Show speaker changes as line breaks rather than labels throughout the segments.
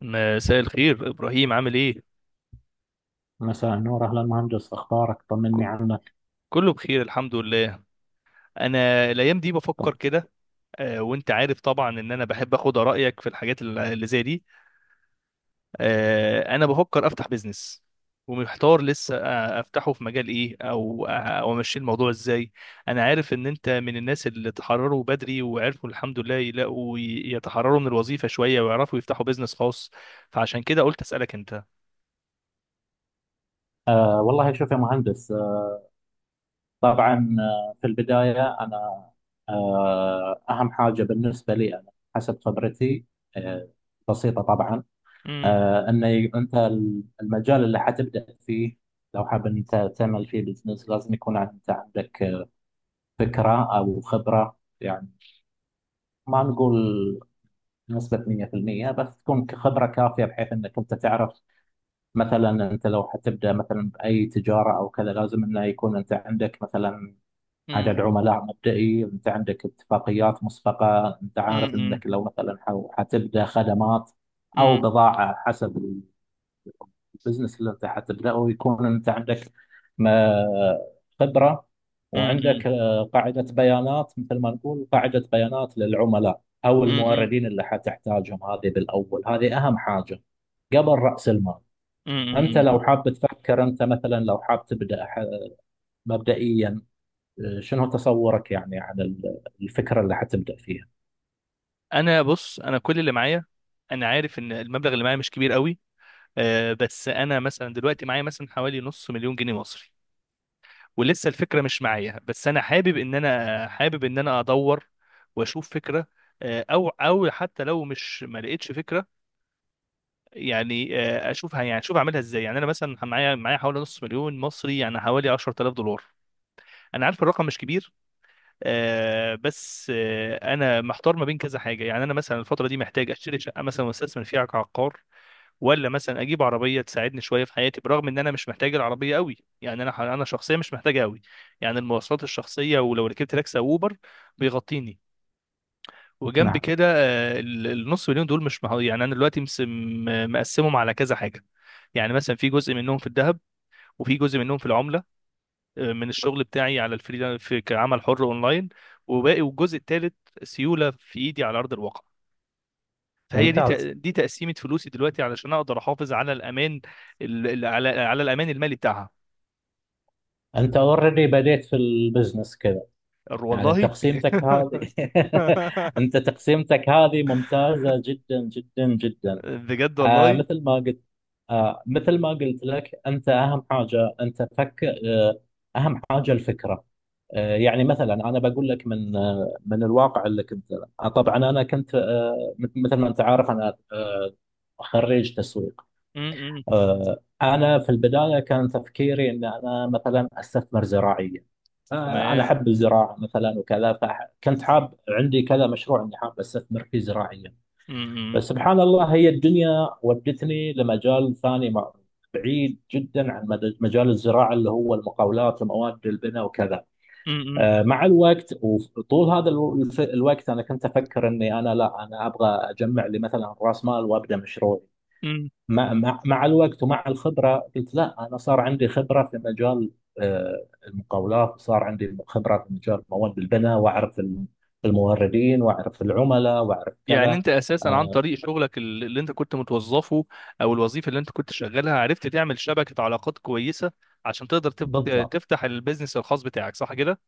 مساء الخير، ابراهيم، عامل ايه؟
مساء النور، أهلا مهندس، أخبارك؟
ك-
طمني عنك.
كله بخير الحمد لله. انا الايام دي
طم.
بفكر كده. وانت عارف طبعا ان انا بحب اخد رايك في الحاجات اللي زي دي. انا بفكر افتح بيزنس. ومحتار لسه، افتحه في مجال ايه، او امشي الموضوع ازاي. انا عارف ان انت من الناس اللي تحرروا بدري وعرفوا الحمد لله يلاقوا يتحرروا من الوظيفه شويه ويعرفوا يفتحوا بيزنس خاص. فعشان كده قلت اسالك انت.
والله شوف يا مهندس. آه طبعا آه في البداية أنا آه أهم حاجة بالنسبة لي أنا حسب خبرتي آه بسيطة طبعا.
امم.
أن أنت المجال اللي حتبدأ فيه، لو حاب أنت تعمل فيه بزنس لازم يكون أنت عندك فكرة أو خبرة، يعني ما نقول نسبة 100%، بس تكون خبرة كافية بحيث أنك أنت تعرف. مثلا انت لو حتبدا مثلا باي تجاره او كذا، لازم انه يكون انت عندك مثلا
امم.
عدد عملاء مبدئي، انت عندك اتفاقيات مسبقه، انت عارف انك لو مثلا حتبدا خدمات او
امم.
بضاعه حسب البزنس اللي انت حتبداه، يكون انت عندك ما- خبره،
امم.
وعندك قاعده بيانات، مثل ما نقول قاعده بيانات للعملاء او
امم.
الموردين اللي حتحتاجهم. هذه بالاول، هذه اهم حاجه قبل راس المال. انت
امم.
لو حاب تفكر انت مثلا لو حاب تبدا مبدئيا، شنو تصورك يعني عن الفكره اللي حتبدا فيها؟
انا بص، انا كل اللي معايا، انا عارف ان المبلغ اللي معايا مش كبير قوي. بس انا مثلا دلوقتي معايا مثلا حوالي نص مليون جنيه مصري. ولسه الفكره مش معايا، بس انا حابب ان انا ادور واشوف فكره. او حتى لو مش ما لقيتش فكره، يعني اشوفها، يعني اشوف اعملها ازاي. يعني انا مثلا معايا حوالي نص مليون مصري، يعني حوالي 10,000 دولار. انا عارف الرقم مش كبير. بس انا محتار ما بين كذا حاجه. يعني انا مثلا الفتره دي محتاج اشتري شقه مثلا واستثمر فيها كعقار. ولا مثلا اجيب عربيه تساعدني شويه في حياتي، برغم ان انا مش محتاج العربيه قوي، يعني انا شخصيا مش محتاجها قوي. يعني المواصلات الشخصيه، ولو ركبت تاكسي او اوبر بيغطيني. وجنب
نعم.
كده، النص مليون دول مش يعني انا دلوقتي مقسمهم على كذا حاجه. يعني مثلا في جزء منهم في الذهب، وفي جزء منهم في العمله، من الشغل بتاعي على الفريلانس، في كعمل حر اونلاين. والجزء الثالث سيوله في ايدي على ارض الواقع. فهي دي
ممتاز.
تق- دي تقسيمه فلوسي دلوقتي، علشان اقدر احافظ على الامان، ال- ال- على على الامان المالي بتاعها.
انت اوريدي بديت في البزنس كذا يعني،
والله.
تقسيمتك هذه انت تقسيمتك هذه ممتازه جدا جدا جدا.
بجد والله.
مثل ما قلت، مثل ما قلت لك انت اهم حاجه، انت فكر. اهم حاجه الفكره. يعني مثلا انا بقول لك من من الواقع اللي كنت. طبعا انا كنت مثل ما انت عارف انا خريج تسويق.
م- م.
انا في البدايه كان تفكيري ان انا مثلا استثمر زراعيا. انا
تمام.
احب الزراعه مثلا وكذا، فكنت حاب عندي كذا مشروع اني حاب استثمر فيه زراعيا.
م-
بس
م.
سبحان الله، هي الدنيا ودتني لمجال ثاني بعيد جدا عن مجال الزراعه، اللي هو المقاولات ومواد البناء وكذا.
م-
مع الوقت وطول هذا الوقت انا كنت افكر اني انا لا، انا ابغى اجمع لي مثلا راس مال وابدا مشروعي.
م.
مع الوقت ومع الخبره قلت لا، انا صار عندي خبره في مجال المقاولات، وصار عندي خبره في مجال مواد البناء، واعرف الموردين واعرف العملاء واعرف
يعني
كذا.
انت اساسا عن
آه،
طريق شغلك اللي انت كنت متوظفه، او الوظيفه اللي انت كنت شغالها، عرفت تعمل شبكه علاقات كويسه عشان تقدر
بالضبط.
تفتح البيزنس الخاص بتاعك، صح كده؟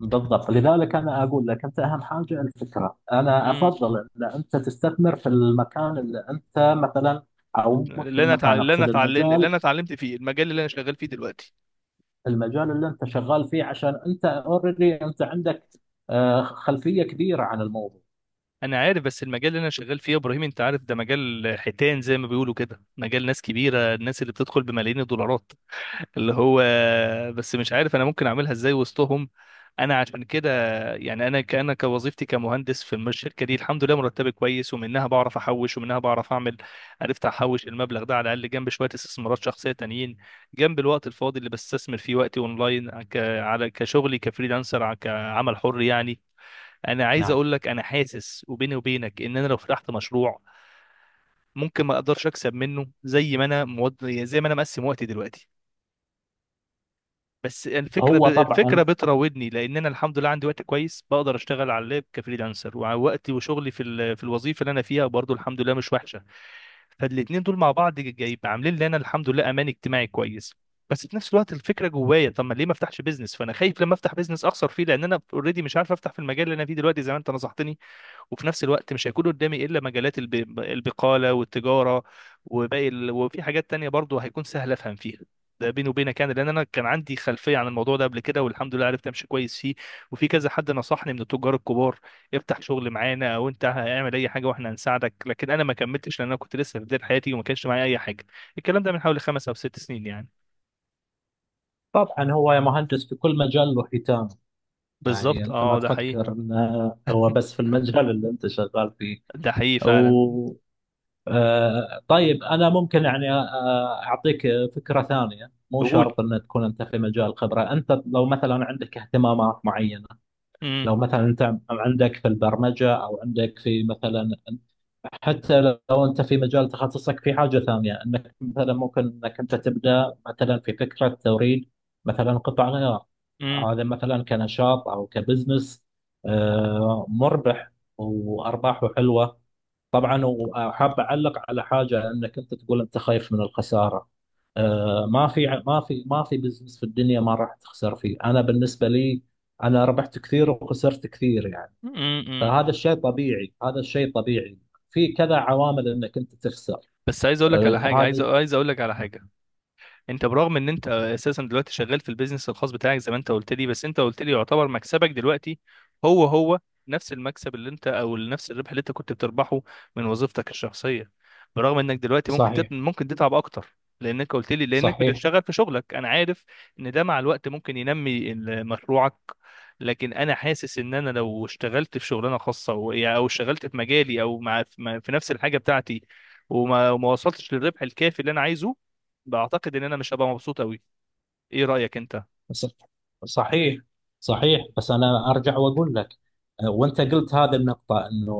بالضبط، لذلك أنا أقول لك أنت أهم حاجة الفكرة. أنا
امم.
أفضل أن أنت تستثمر في المكان اللي أنت مثلا، أو مش
اللي انا تع...
المكان،
اللي انا
أقصد
اتعلم اللي
المجال.
انا اتعلمت فيه، المجال اللي انا شغال فيه دلوقتي.
المجال اللي أنت شغال فيه، عشان أنت أوريدي أنت عندك خلفية كبيرة عن الموضوع.
انا عارف، بس المجال اللي انا شغال فيه يا ابراهيم، انت عارف ده مجال حيتان زي ما بيقولوا كده، مجال ناس كبيره، الناس اللي بتدخل بملايين الدولارات. اللي هو، بس مش عارف انا ممكن اعملها ازاي وسطهم. انا عشان كده، يعني انا كأنا كوظيفتي كمهندس في الشركه دي، الحمد لله مرتبي كويس، ومنها بعرف احوش، ومنها بعرف اعمل. عرفت احوش المبلغ ده على الاقل، جنب شويه استثمارات شخصيه تانيين، جنب الوقت الفاضي اللي بستثمر فيه وقتي اونلاين، على كشغلي كفريلانسر كعمل حر يعني. انا عايز
نعم.
اقول لك، انا حاسس وبيني وبينك ان انا لو فتحت مشروع ممكن ما اقدرش اكسب منه زي ما يعني زي ما انا مقسم وقتي دلوقتي. بس
هو
الفكره
طبعا.
بتراودني، لان انا الحمد لله عندي وقت كويس، بقدر اشتغل على اللاب كفريلانسر، ووقتي وشغلي في الوظيفه اللي انا فيها برضو الحمد لله مش وحشه. فالاتنين دول مع بعض جايب عاملين لي انا الحمد لله امان اجتماعي كويس. بس في نفس الوقت الفكره جوايا: طب ما ليه ما افتحش بيزنس؟ فانا خايف لما افتح بيزنس اخسر فيه، لان انا اوريدي مش عارف افتح في المجال اللي انا فيه دلوقتي زي ما انت نصحتني. وفي نفس الوقت مش هيكون قدامي الا مجالات البقاله والتجاره، وفي حاجات تانية برضو هيكون سهل افهم فيها. ده بيني وبينك يعني، لان انا كان عندي خلفيه عن الموضوع ده قبل كده، والحمد لله عرفت امشي كويس فيه. وفي كذا حد نصحني من التجار الكبار: افتح شغل معانا، او انت اعمل اي حاجه واحنا هنساعدك. لكن انا ما كملتش لان انا كنت لسه في بدايه حياتي وما كانش معايا اي حاجه. الكلام ده من حوالي 5 او 6 سنين يعني.
طبعا هو يا مهندس في كل مجال له حيتان، يعني
بالظبط،
أنت ما
اه، ده حقيقي.
تفكر أنه هو بس في المجال اللي أنت شغال فيه.
ده حقيقي فعلا.
طيب انا ممكن يعني اعطيك فكره ثانيه، مو
قول.
شرط ان تكون انت في مجال الخبره. انت لو مثلا عندك اهتمامات معينه،
امم.
لو مثلا انت عندك في البرمجه او عندك في مثلا، حتى لو انت في مجال تخصصك في حاجه ثانيه، انك مثلا ممكن انك انت تبدا مثلا في فكره توريد مثلا قطع غيار. هذا مثلا كنشاط او كبزنس مربح وارباحه حلوه. طبعا وحاب اعلق على حاجه، انك انت تقول انت خايف من الخساره. ما في بزنس في الدنيا ما راح تخسر فيه. انا بالنسبه لي انا ربحت كثير وخسرت كثير يعني،
امم.
فهذا الشيء طبيعي، هذا الشيء طبيعي. في كذا عوامل انك انت تخسر.
بس عايز اقول لك على حاجه عايز
هذا
عايز اقول لك على حاجه. انت برغم ان انت اساسا دلوقتي شغال في البيزنس الخاص بتاعك زي ما انت قلت لي، بس انت قلت لي يعتبر مكسبك دلوقتي هو هو نفس المكسب اللي انت، او نفس الربح اللي انت كنت بتربحه، من وظيفتك الشخصية. برغم انك دلوقتي
صحيح.
ممكن تتعب اكتر، لانك قلت لي لانك
صحيح.
بتشتغل في شغلك، انا عارف ان ده مع الوقت ممكن ينمي مشروعك. لكن انا حاسس ان انا لو اشتغلت في شغلانه خاصه، او اشتغلت في مجالي، او مع، في نفس الحاجه بتاعتي، وما وصلتش للربح الكافي اللي انا عايزه، بعتقد ان انا مش هبقى مبسوط قوي. ايه رايك انت؟
ص- صحيح، صحيح، بس انا ارجع واقول لك، وانت قلت هذا النقطه انه،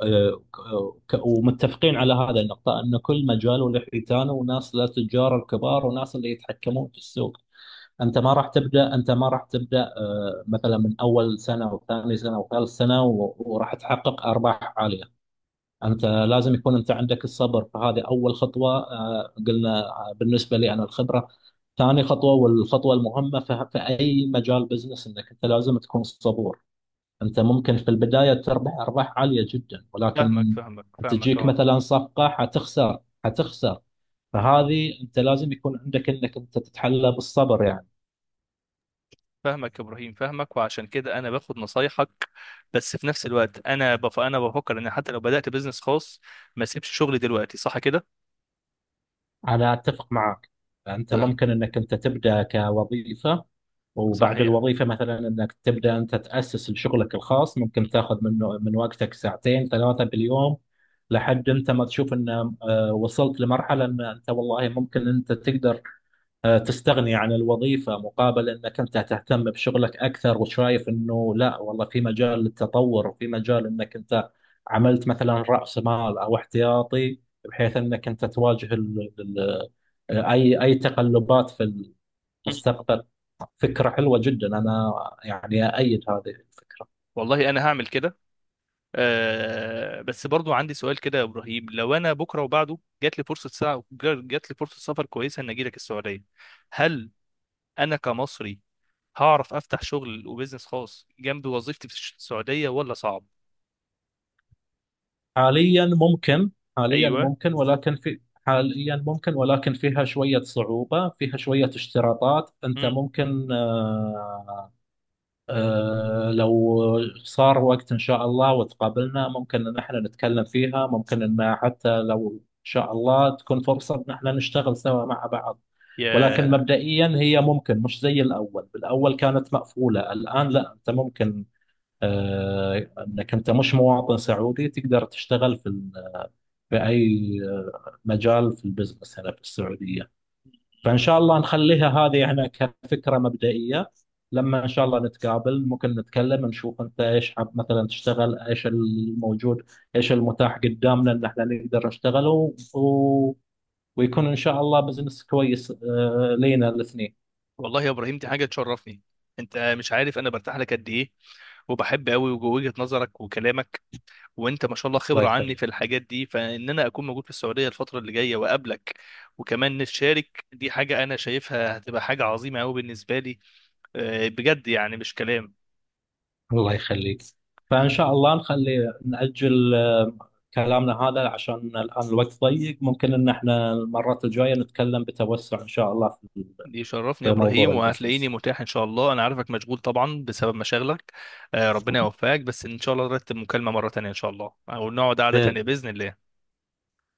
آه، ومتفقين على هذا النقطه انه كل مجال وله حيتانه وناس له تجار الكبار وناس اللي يتحكمون في السوق. انت ما راح تبدا، انت ما راح تبدا مثلا من اول سنه او ثاني سنه او ثالث سنه وراح تحقق ارباح عاليه. انت لازم يكون انت عندك الصبر، فهذه اول خطوه. قلنا بالنسبه لي انا الخبره، ثاني خطوه. والخطوه المهمه في اي مجال بزنس انك انت لازم تكون صبور. انت ممكن في البدايه تربح ارباح عاليه جدا، ولكن
فاهمك، فاهمك، فاهمك،
تجيك
اه.
مثلا صفقه حتخسر، حتخسر. فهذه انت لازم يكون عندك انك انت تتحلى بالصبر يعني.
فاهمك يا ابراهيم، فاهمك، وعشان كده انا باخد نصايحك. بس في نفس الوقت انا بفكر ان حتى لو بدات بزنس خاص، ما اسيبش شغلي دلوقتي، صح كده؟
أنا أتفق معك. أنت ممكن أنك أنت تبدأ كوظيفة، وبعد
صحيح.
الوظيفة مثلا أنك تبدأ أنت تأسس لشغلك الخاص، ممكن تاخذ منه من وقتك ساعتين ثلاثة باليوم لحد أنت ما تشوف أن وصلت لمرحلة أن أنت والله ممكن أنت تقدر تستغني عن الوظيفة مقابل أنك أنت تهتم بشغلك أكثر، وشايف أنه لا والله في مجال للتطور، وفي مجال أنك أنت عملت مثلا رأس مال أو احتياطي بحيث أنك أنت تواجه ال ال آه، أي أي تقلبات في
مم.
المستقبل. فكرة حلوة جدا أنا يعني أأيد هذه الفكرة.
والله انا هعمل كده. أه، بس برضو عندي سؤال كده يا ابراهيم: لو انا بكره وبعده جات لي فرصه سا... جات لي فرصه سفر كويسه ان اجي لك السعوديه، هل انا كمصري هعرف افتح شغل وبزنس خاص جنب وظيفتي في السعوديه، ولا صعب؟
حاليا ممكن. حاليا
ايوه.
ممكن ولكن في حاليا ممكن، ولكن فيها شوية صعوبة، فيها شوية اشتراطات أنت
مم.
ممكن. آه، أه لو صار وقت إن شاء الله وتقابلنا ممكن إن احنا نتكلم فيها، ممكن إن حتى لو إن شاء الله تكون فرصة إن احنا نشتغل سوا مع بعض. ولكن
يا.
مبدئيا هي ممكن مش زي الأول، بالأول كانت مقفولة، الآن لا، أنت ممكن أه إنك أنت مش مواطن سعودي تقدر تشتغل في في أي مجال في البزنس هنا في السعودية. فان شاء الله نخليها هذه احنا كفكره مبدئيه. لما ان شاء الله نتقابل ممكن نتكلم نشوف انت ايش حاب مثلا تشتغل، ايش الموجود، ايش المتاح قدامنا ان احنا نقدر نشتغله ويكون ان شاء الله بزنس كويس لينا الاثنين.
والله يا ابراهيم، دي حاجه تشرفني. انت مش عارف انا برتاح لك قد ايه، وبحب قوي وجهه نظرك وكلامك، وانت ما شاء الله
الله
خبره عني
يخليك.
في الحاجات دي. فان انا اكون موجود في السعوديه الفتره اللي جايه واقابلك وكمان نشارك، دي حاجه انا شايفها هتبقى حاجه عظيمه قوي بالنسبه لي. آه، بجد يعني مش كلام.
الله يخليك. فان شاء الله نخلي، نأجل كلامنا هذا عشان الان الوقت ضيق، ممكن ان احنا المرات الجايه نتكلم بتوسع ان شاء الله في
دي شرفني يا
موضوع
ابراهيم، وهتلاقيني
البزنس
متاح ان شاء الله. انا عارفك مشغول طبعا بسبب مشاغلك. آه، ربنا يوفقك. بس ان شاء الله نرتب مكالمه مره تانية ان شاء الله، او نقعد قعده تانية
بإذن.
باذن الله.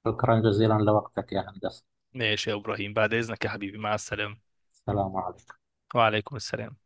شكرا جزيلا لوقتك يا هندسة.
ماشي يا إبراهيم، بعد إذنك يا حبيبي، مع السلامة.
السلام عليكم.
وعليكم السلام.